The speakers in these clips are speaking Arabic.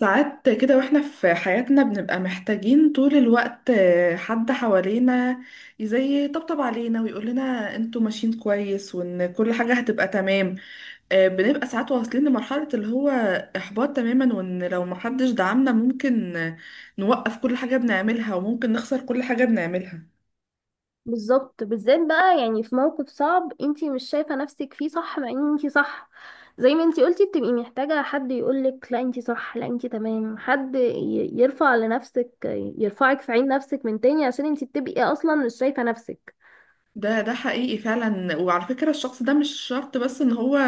ساعات كده واحنا في حياتنا بنبقى محتاجين طول الوقت حد حوالينا زي يطبطب علينا ويقول لنا انتوا ماشيين كويس وان كل حاجة هتبقى تمام. بنبقى ساعات واصلين لمرحلة اللي هو احباط تماما، وان لو محدش دعمنا ممكن نوقف كل حاجة بنعملها وممكن نخسر كل حاجة بنعملها. بالظبط. بالذات بقى يعني في موقف صعب انتي مش شايفة نفسك فيه، صح؟ مع ان انتي صح. زي ما انتي قلتي، بتبقي محتاجة حد يقولك لا انتي صح، لا انتي تمام. يرفع لنفسك، يرفعك في عين نفسك من تاني، عشان انتي بتبقي اصلا مش شايفة نفسك. ده حقيقي فعلا، وعلى فكرة الشخص ده مش شرط بس ان هو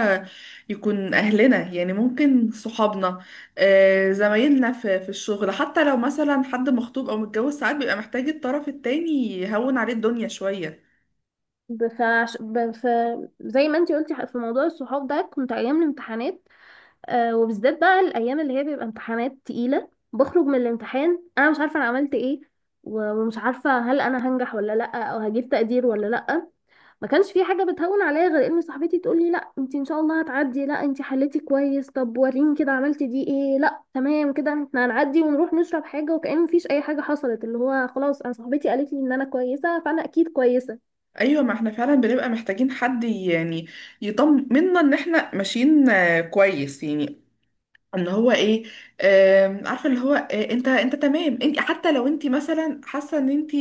يكون اهلنا، يعني ممكن صحابنا، زمايلنا في الشغل، حتى لو مثلا حد مخطوب او متجوز ساعات بيبقى محتاج الطرف التاني يهون عليه الدنيا شوية. ب- فعش- ب- ف... زي ما انتي قلتي في موضوع الصحاب ده، كنت ايام الامتحانات، وبالذات بقى الايام اللي هي بيبقى امتحانات تقيلة، بخرج من الامتحان انا مش عارفة انا عملت ايه و- ومش عارفة هل انا هنجح ولا لأ، او هجيب تقدير ولا لأ. ما كانش في حاجه بتهون عليا غير ان صاحبتي تقول لي لا انت ان شاء الله هتعدي، لا انت حليتي كويس، طب وريني كده عملتي دي ايه، لا تمام كده احنا هنعدي ونروح نشرب حاجه، وكأن مفيش اي حاجه حصلت. اللي هو خلاص، انا صاحبتي قالت لي ان انا كويسه فانا اكيد كويسه. ايوه، ما احنا فعلا بنبقى محتاجين حد يعني يطمنا ان احنا ماشيين كويس، يعني ان هو ايه، عارفه اللي هو انت تمام، انت حتى لو انت مثلا حاسه ان انت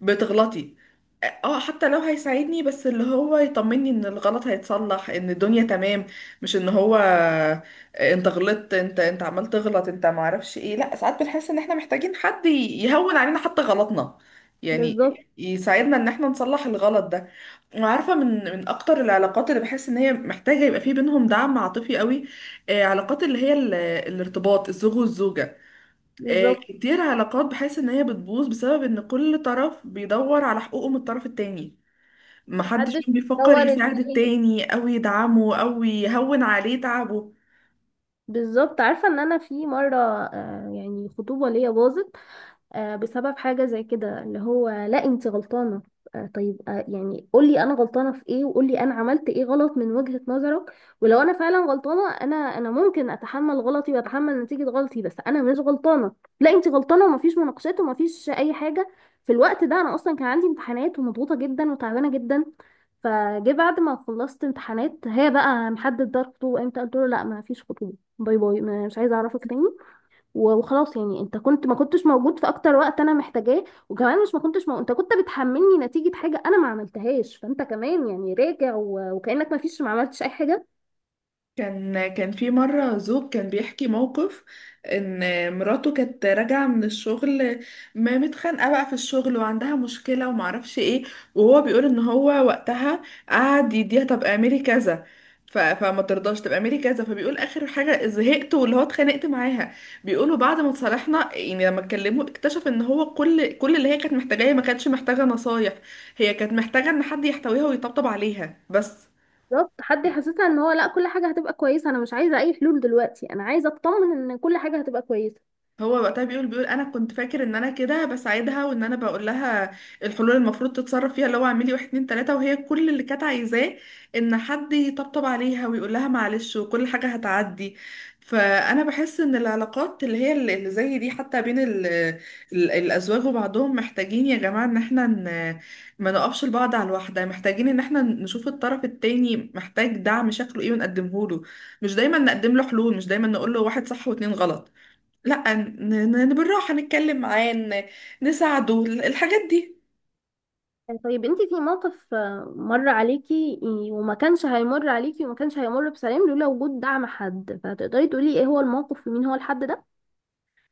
بتغلطي. حتى لو هيساعدني بس اللي هو يطمني ان الغلط هيتصلح، ان الدنيا تمام، مش ان هو انت غلطت، انت عمال تغلط، انت ما اعرفش ايه. لا ساعات بنحس ان احنا محتاجين حد يهون علينا حتى غلطنا يعني، بالظبط. يساعدنا ان احنا نصلح الغلط ده. وعارفه من اكتر العلاقات اللي بحس ان هي محتاجه يبقى في بينهم دعم عاطفي قوي، علاقات اللي هي الارتباط الزوج والزوجه. بالظبط. كتير علاقات بحس ان هي بتبوظ بسبب ان كل طرف بيدور على حقوقه من الطرف التاني، محدش محدش فيهم بيفكر بيتصور يساعد ازاي. التاني او يدعمه او يهون عليه تعبه. بالظبط. عارفه ان انا في مره، يعني خطوبه ليا باظت بسبب حاجة زي كده، اللي هو لا انت غلطانة. طيب، يعني قولي انا غلطانة في ايه، وقولي انا عملت ايه غلط من وجهة نظرك. ولو انا فعلا غلطانة، انا ممكن اتحمل غلطي واتحمل نتيجة غلطي، بس انا مش غلطانة. لا انت غلطانة، ومفيش مناقشات ومفيش اي حاجة. في الوقت ده انا اصلا كان عندي امتحانات، ومضغوطة جدا وتعبانة جدا. فجه بعد ما خلصت امتحانات، هي بقى محدد ده الخطوبة امتى. قلت له لا، ما فيش خطوبة، باي باي، مش عايزة اعرفك تاني. و- وخلاص يعني، انت كنت ما كنتش موجود في اكتر وقت انا محتاجاه، وكمان مش ما كنتش مو... انت كنت بتحملني نتيجة حاجة انا ما عملتهاش، فانت كمان يعني راجع وكأنك ما فيش، ما عملتش اي حاجة. كان في مرة زوج كان بيحكي موقف ان مراته كانت راجعة من الشغل، ما متخانقة بقى في الشغل وعندها مشكلة ومعرفش ايه، وهو بيقول ان هو وقتها قعد يديها طب اعملي كذا، فما ترضاش، طب اعملي كذا، فبيقول اخر حاجة زهقت واللي هو اتخانقت معاها. بيقولوا بعد ما اتصالحنا يعني لما اتكلموا اكتشف ان هو كل اللي هي كانت محتاجاه، هي ما كانتش محتاجة نصايح، هي كانت محتاجة ان حد يحتويها ويطبطب عليها بس. بالظبط، حد يحسسها ان هو لا، كل حاجة هتبقى كويسة. انا مش عايزة اي حلول دلوقتي، انا عايزة اطمن ان كل حاجة هتبقى كويسة. هو وقتها بيقول انا كنت فاكر ان انا كده بساعدها وان انا بقول لها الحلول المفروض تتصرف فيها، اللي هو اعملي واحد اتنين تلاته، وهي كل اللي كانت عايزاه ان حد يطبطب عليها ويقول لها معلش وكل حاجه هتعدي. فانا بحس ان العلاقات اللي هي اللي زي دي حتى بين ال الازواج وبعضهم، محتاجين يا جماعه ان احنا ما نقفش لبعض على الواحده، محتاجين ان احنا نشوف الطرف التاني محتاج دعم شكله ايه ونقدمه له، مش دايما نقدم له حلول، مش دايما نقول له واحد صح واتنين غلط. لا بالراحة نتكلم معاه، نساعده الحاجات دي. طيب، انت في موقف مر عليكي وما كانش هيمر عليكي وما كانش هيمر بسلام لولا وجود دعم حد، فتقدري تقولي ايه هو الموقف ومين هو الحد ده؟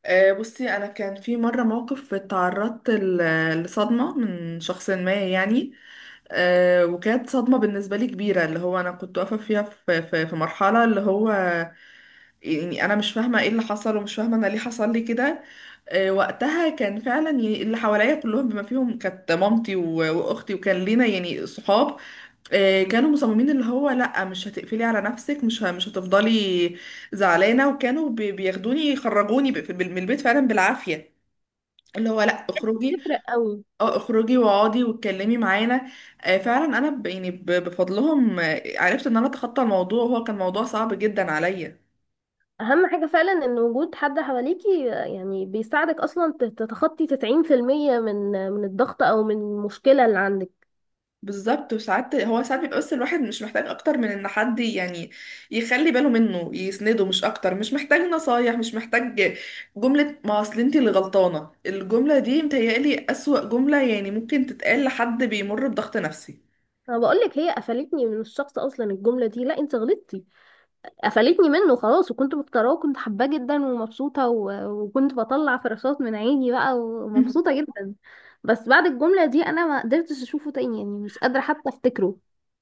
بصي انا كان في مره موقف اتعرضت لصدمه من شخص ما يعني، وكانت صدمه بالنسبه لي كبيره، اللي هو انا كنت واقفه فيها في مرحله اللي هو يعني انا مش فاهمه ايه اللي حصل ومش فاهمه انا ليه حصل لي كده. وقتها كان فعلا اللي حواليا كلهم، بما فيهم كانت مامتي واختي، وكان لينا يعني صحاب، كانوا مصممين اللي هو لا مش هتقفلي على نفسك، مش هتفضلي زعلانه، وكانوا بياخدوني يخرجوني من البيت فعلا بالعافيه، اللي هو لا اخرجي، تفرق قوي. اه اخرجي واقعدي واتكلمي معانا. فعلا انا يعني بفضلهم عرفت ان انا اتخطى الموضوع، هو كان موضوع صعب جدا عليا. اهم حاجة فعلا ان وجود حد حواليكي، يعني بيساعدك اصلا تتخطي 90% من، من الضغط او من المشكلة اللي عندك. بالظبط، وساعات هو ساعات بيبقى بس الواحد مش محتاج اكتر من ان حد يعني يخلي باله منه، يسنده، مش اكتر، مش محتاج نصايح، مش محتاج جملة ما اصل انت اللي غلطانة. الجملة دي متهيألي اسوأ جملة يعني ممكن تتقال لحد بيمر بضغط نفسي. انا بقولك، هي قفلتني من الشخص اصلا. الجملة دي، لا انت غلطتي، قفلتني منه خلاص. وكنت مختاراه وكنت حباه جدا ومبسوطة، و- وكنت بطلع فراشات من عيني بقى، مم. ومبسوطة جدا. بس بعد الجملة دي انا ما قدرتش اشوفه تاني، يعني مش قادرة حتى افتكره.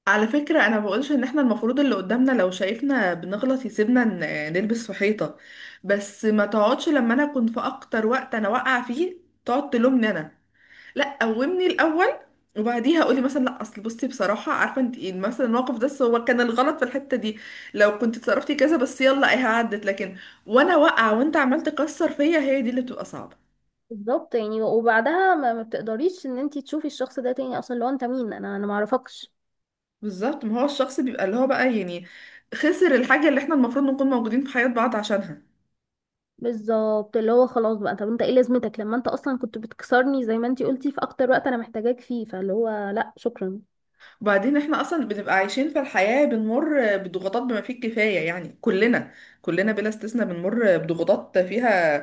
على فكرة أنا بقولش إن إحنا المفروض اللي قدامنا لو شايفنا بنغلط يسيبنا نلبس في حيطة، بس ما تقعدش لما أنا أكون في أكتر وقت أنا واقعة فيه تقعد تلومني أنا. لا قومني الاول، وبعديها قولي مثلا لا اصل بصي بصراحه عارفه انت ايه مثلا الموقف ده، بس هو كان الغلط في الحته دي، لو كنت اتصرفتي كذا، بس يلا ايه عدت، لكن وانا واقعه وانت عمال تكسر فيا، هي دي اللي بتبقى صعبه. بالظبط، يعني وبعدها ما بتقدريش ان انت تشوفي الشخص ده تاني اصلا. لو انت مين؟ انا معرفكش. بالظبط، ما هو الشخص بيبقى اللي هو بقى يعني خسر الحاجه اللي احنا المفروض نكون موجودين في حياه بعض عشانها. بالظبط، اللي هو خلاص بقى، طب انت ايه لازمتك لما انت اصلا كنت بتكسرني زي ما انتي قلتي في اكتر وقت انا محتاجاك فيه، فاللي هو لا، شكرا. وبعدين احنا اصلا بنبقى عايشين في الحياه بنمر بضغوطات بما فيه الكفايه يعني، كلنا كلنا بلا استثناء بنمر بضغوطات فيها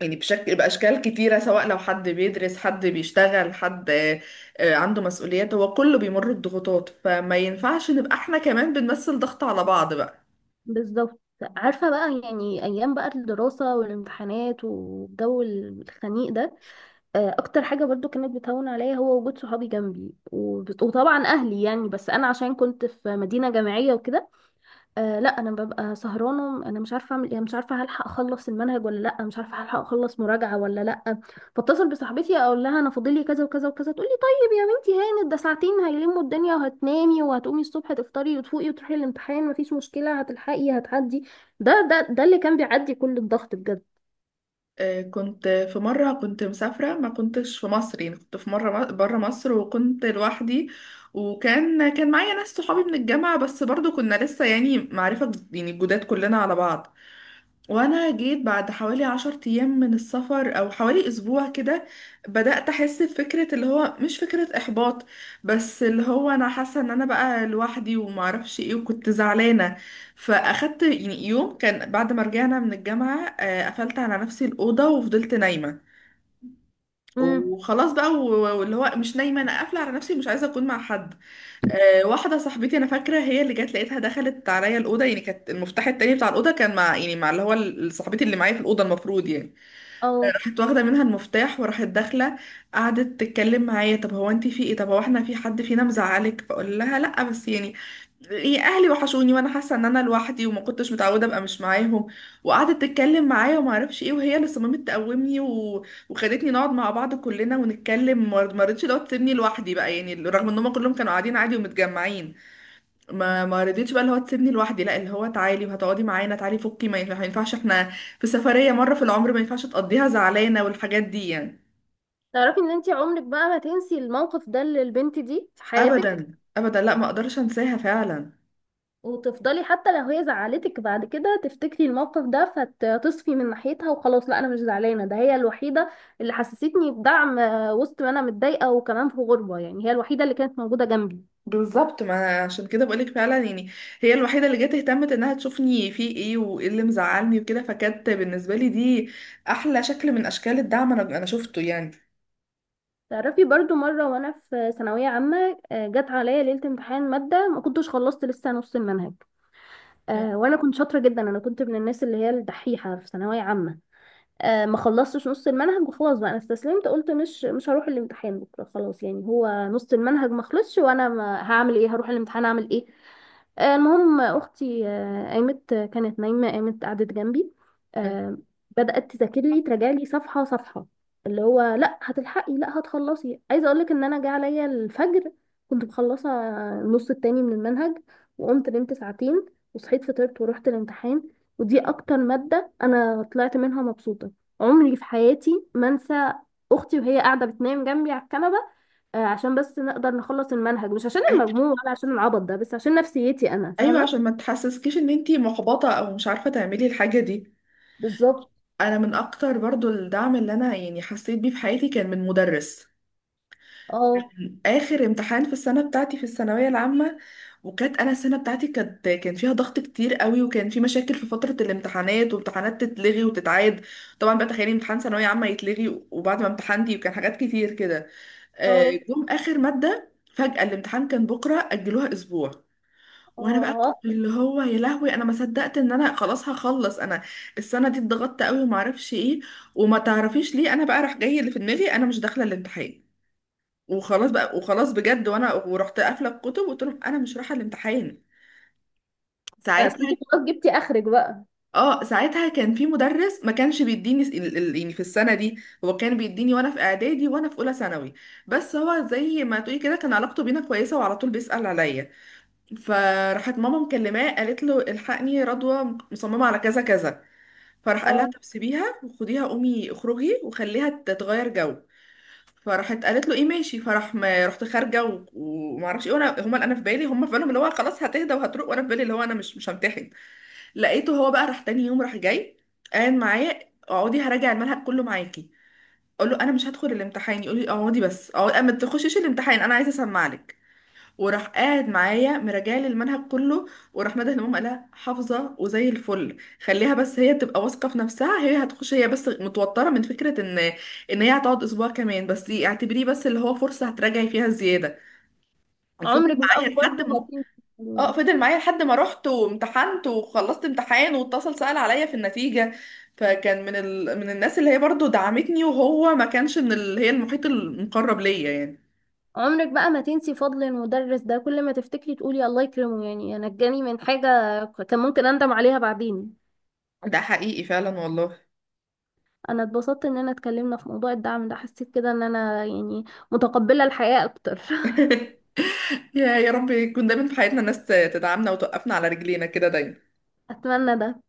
يعني بشكل بأشكال كتيرة، سواء لو حد بيدرس، حد بيشتغل، حد عنده مسؤوليات، هو كله بيمر بضغوطات، فما ينفعش نبقى احنا كمان بنمثل ضغط على بعض بقى. بالظبط. عارفة بقى، يعني ايام بقى الدراسة والامتحانات والجو الخنيق ده، اكتر حاجة برضو كانت بتهون عليا هو وجود صحابي جنبي، وطبعا اهلي يعني، بس انا عشان كنت في مدينة جامعية وكده. آه لا، انا ببقى سهرانه، انا مش عارفه اعمل ايه، مش عارفه هلحق اخلص المنهج ولا لا، مش عارفه هلحق اخلص مراجعه ولا لا. فاتصل بصاحبتي اقول لها انا فاضل لي كذا وكذا وكذا، تقول لي طيب يا بنتي هانت، ده ساعتين هيلموا الدنيا وهتنامي وهتقومي الصبح تفطري وتفوقي وتروحي الامتحان، مفيش مشكله هتلحقي هتعدي. ده اللي كان بيعدي كل الضغط بجد. كنت في مرة كنت مسافرة ما كنتش في مصر، يعني كنت في مرة برا مصر وكنت لوحدي، وكان معايا ناس صحابي من الجامعة بس برضو كنا لسه يعني معرفة يعني جداد كلنا على بعض. وانا جيت بعد حوالي 10 ايام من السفر او حوالي اسبوع كده بدأت احس بفكرة اللي هو مش فكرة احباط، بس اللي هو انا حاسة ان انا بقى لوحدي ومعرفش ايه، وكنت زعلانة. فاخدت يعني يوم كان بعد ما رجعنا من الجامعة قفلت على نفسي الأوضة وفضلت نايمة امم وخلاص بقى، واللي هو مش نايمة، انا قافلة على نفسي مش عايزة اكون مع حد. واحدة صاحبتي أنا فاكرة هي اللي جت لقيتها دخلت عليا الأوضة، يعني كانت المفتاح التاني بتاع الأوضة كان مع يعني مع اللي هو صاحبتي اللي معايا في الأوضة المفروض يعني، اه، راحت واخده منها المفتاح وراحت داخله، قعدت تتكلم معايا طب هو انت في ايه، طب هو احنا في حد فينا مزعلك، فاقول لها لا بس يعني ايه، اهلي وحشوني وانا حاسه ان انا لوحدي وما كنتش متعوده ابقى مش معاهم. وقعدت تتكلم معايا وما اعرفش ايه، وهي اللي صممت تقومني وخدتني نقعد مع بعض كلنا ونتكلم، ما رضتش لو تسيبني لوحدي بقى يعني، رغم ان هم كلهم كانوا قاعدين عادي ومتجمعين ما رضيتش بقى اللي هو تسيبني لوحدي، لا اللي هو تعالي وهتقعدي معانا تعالي فكي، ما ينفعش احنا في سفرية مرة في العمر ما ينفعش تقضيها زعلانة والحاجات دي يعني. تعرفي ان انتي عمرك بقى ما تنسي الموقف ده للبنت دي في حياتك، ابدا ابدا لا ما اقدرش انساها فعلا. وتفضلي حتى لو هي زعلتك بعد كده تفتكري الموقف ده، فتصفي من ناحيتها وخلاص. لا انا مش زعلانه، ده هي الوحيده اللي حسستني بدعم، وسط ما انا متضايقه وكمان في غربه، يعني هي الوحيده اللي كانت موجوده جنبي. بالظبط ما عشان كده بقولك فعلا يعني هي الوحيدة اللي جت اهتمت انها تشوفني في ايه وايه اللي مزعلني وكده، فكانت بالنسبة لي دي احلى شكل من اشكال الدعم انا شفته يعني. تعرفي برضو مره وانا في ثانويه عامه، جت عليا ليله امتحان ماده ما كنتش خلصت لسه نص المنهج. مم. وانا كنت شاطره جدا، انا كنت من الناس اللي هي الدحيحه في ثانويه عامه. ما خلصتش نص المنهج، وخلاص بقى انا استسلمت، قلت مش هروح الامتحان بكره خلاص. يعني هو نص المنهج ما خلصش، وانا ما هعمل ايه؟ هروح الامتحان اعمل ايه؟ المهم اختي، قامت، كانت نايمه قامت قعدت جنبي. مم. آه، بدات تذاكر لي، تراجع لي صفحه صفحه، اللي هو لا هتلحقي، لا هتخلصي. عايزه اقول لك ان انا جه عليا الفجر كنت مخلصه النص التاني من المنهج، وقمت نمت ساعتين وصحيت فطرت ورحت الامتحان. ودي اكتر ماده انا طلعت منها مبسوطه. عمري في حياتي ما انسى اختي وهي قاعده بتنام جنبي على الكنبه، عشان بس نقدر نخلص المنهج، مش عشان أي- المجموع ولا عشان العبط ده، بس عشان نفسيتي، انا ايوه فاهمه. عشان ما تحسسكيش ان انتي محبطة او مش عارفة تعملي الحاجة دي. بالظبط. انا من اكتر برضو الدعم اللي انا يعني حسيت بيه في حياتي كان من مدرس اه، اخر امتحان في السنه بتاعتي في الثانويه العامه، وكانت انا السنه بتاعتي كانت كان فيها ضغط كتير قوي، وكان في مشاكل في فتره الامتحانات وامتحانات تتلغي وتتعاد، طبعا بقى تخيلي امتحان ثانويه عامه يتلغي وبعد ما امتحنتي، وكان حاجات كتير كده، آه، اه، جم اخر ماده فجاه الامتحان كان بكره اجلوها اسبوع، وانا بقى اه، كنت اللي هو يا لهوي انا ما صدقت ان انا خلاص هخلص، انا السنه دي اتضغطت قوي وما اعرفش ايه، وما تعرفيش ليه انا بقى راح جاي اللي في دماغي انا مش داخله الامتحان وخلاص بقى، وخلاص بجد وانا ورحت قافله الكتب وقلت لهم انا مش رايحه الامتحان اصل ساعتها. انت خلاص جبتي اخرك بقى. اه ساعتها كان في مدرس ما كانش بيديني يعني في السنه دي، هو كان بيديني وانا في اعدادي وانا في اولى ثانوي، بس هو زي ما تقولي كده كان علاقته بينا كويسه وعلى طول بيسأل عليا. فراحت ماما مكلماه قالت له الحقني رضوى مصممه على كذا كذا، فراح قال لها اه، طب سيبيها وخديها قومي اخرجي وخليها تتغير جو، فراحت قالت له ايه ماشي، فراح ما رحت خارجه وما اعرفش ايه، وانا هما انا في بالي هما في بالهم اللي هو خلاص هتهدى وهتروق، وانا في بالي اللي هو انا مش همتحن. لقيته هو بقى راح تاني يوم راح جاي قاعد معايا اقعدي هراجع المنهج كله معاكي، اقول له انا مش هدخل الامتحان يقول لي اقعدي بس اقعد ما تخشيش الامتحان انا عايزه اسمع لك. وراح قاعد معايا مراجعلي المنهج كله، وراح مدح الامام قالها حافظه وزي الفل، خليها بس هي تبقى واثقه في نفسها هي هتخش، هي بس متوتره من فكره ان ان هي هتقعد اسبوع كمان بس اعتبريه بس اللي هو فرصه هتراجعي فيها زياده. وفضل عمرك بقى معايا لحد برضه ما ما تنسي الكلام اه ده. فضل معايا لحد ما رحت وامتحنت وخلصت امتحان واتصل سأل عليا في النتيجه، فكان من من الناس اللي هي برضو دعمتني، وهو ما كانش من اللي هي المحيط المقرب ليا يعني. عمرك بقى ما تنسي فضل المدرس ده، كل ما تفتكري تقولي الله يكرمه، يعني نجاني من حاجه كان ممكن اندم عليها بعدين. ده حقيقي فعلا والله. انا اتبسطت اننا اتكلمنا في موضوع الدعم ده، حسيت كده ان انا يعني متقبلة الحياة اكتر. يا رب يكون دايما في حياتنا ناس تدعمنا وتوقفنا على رجلينا كده دايما اتمنى ده.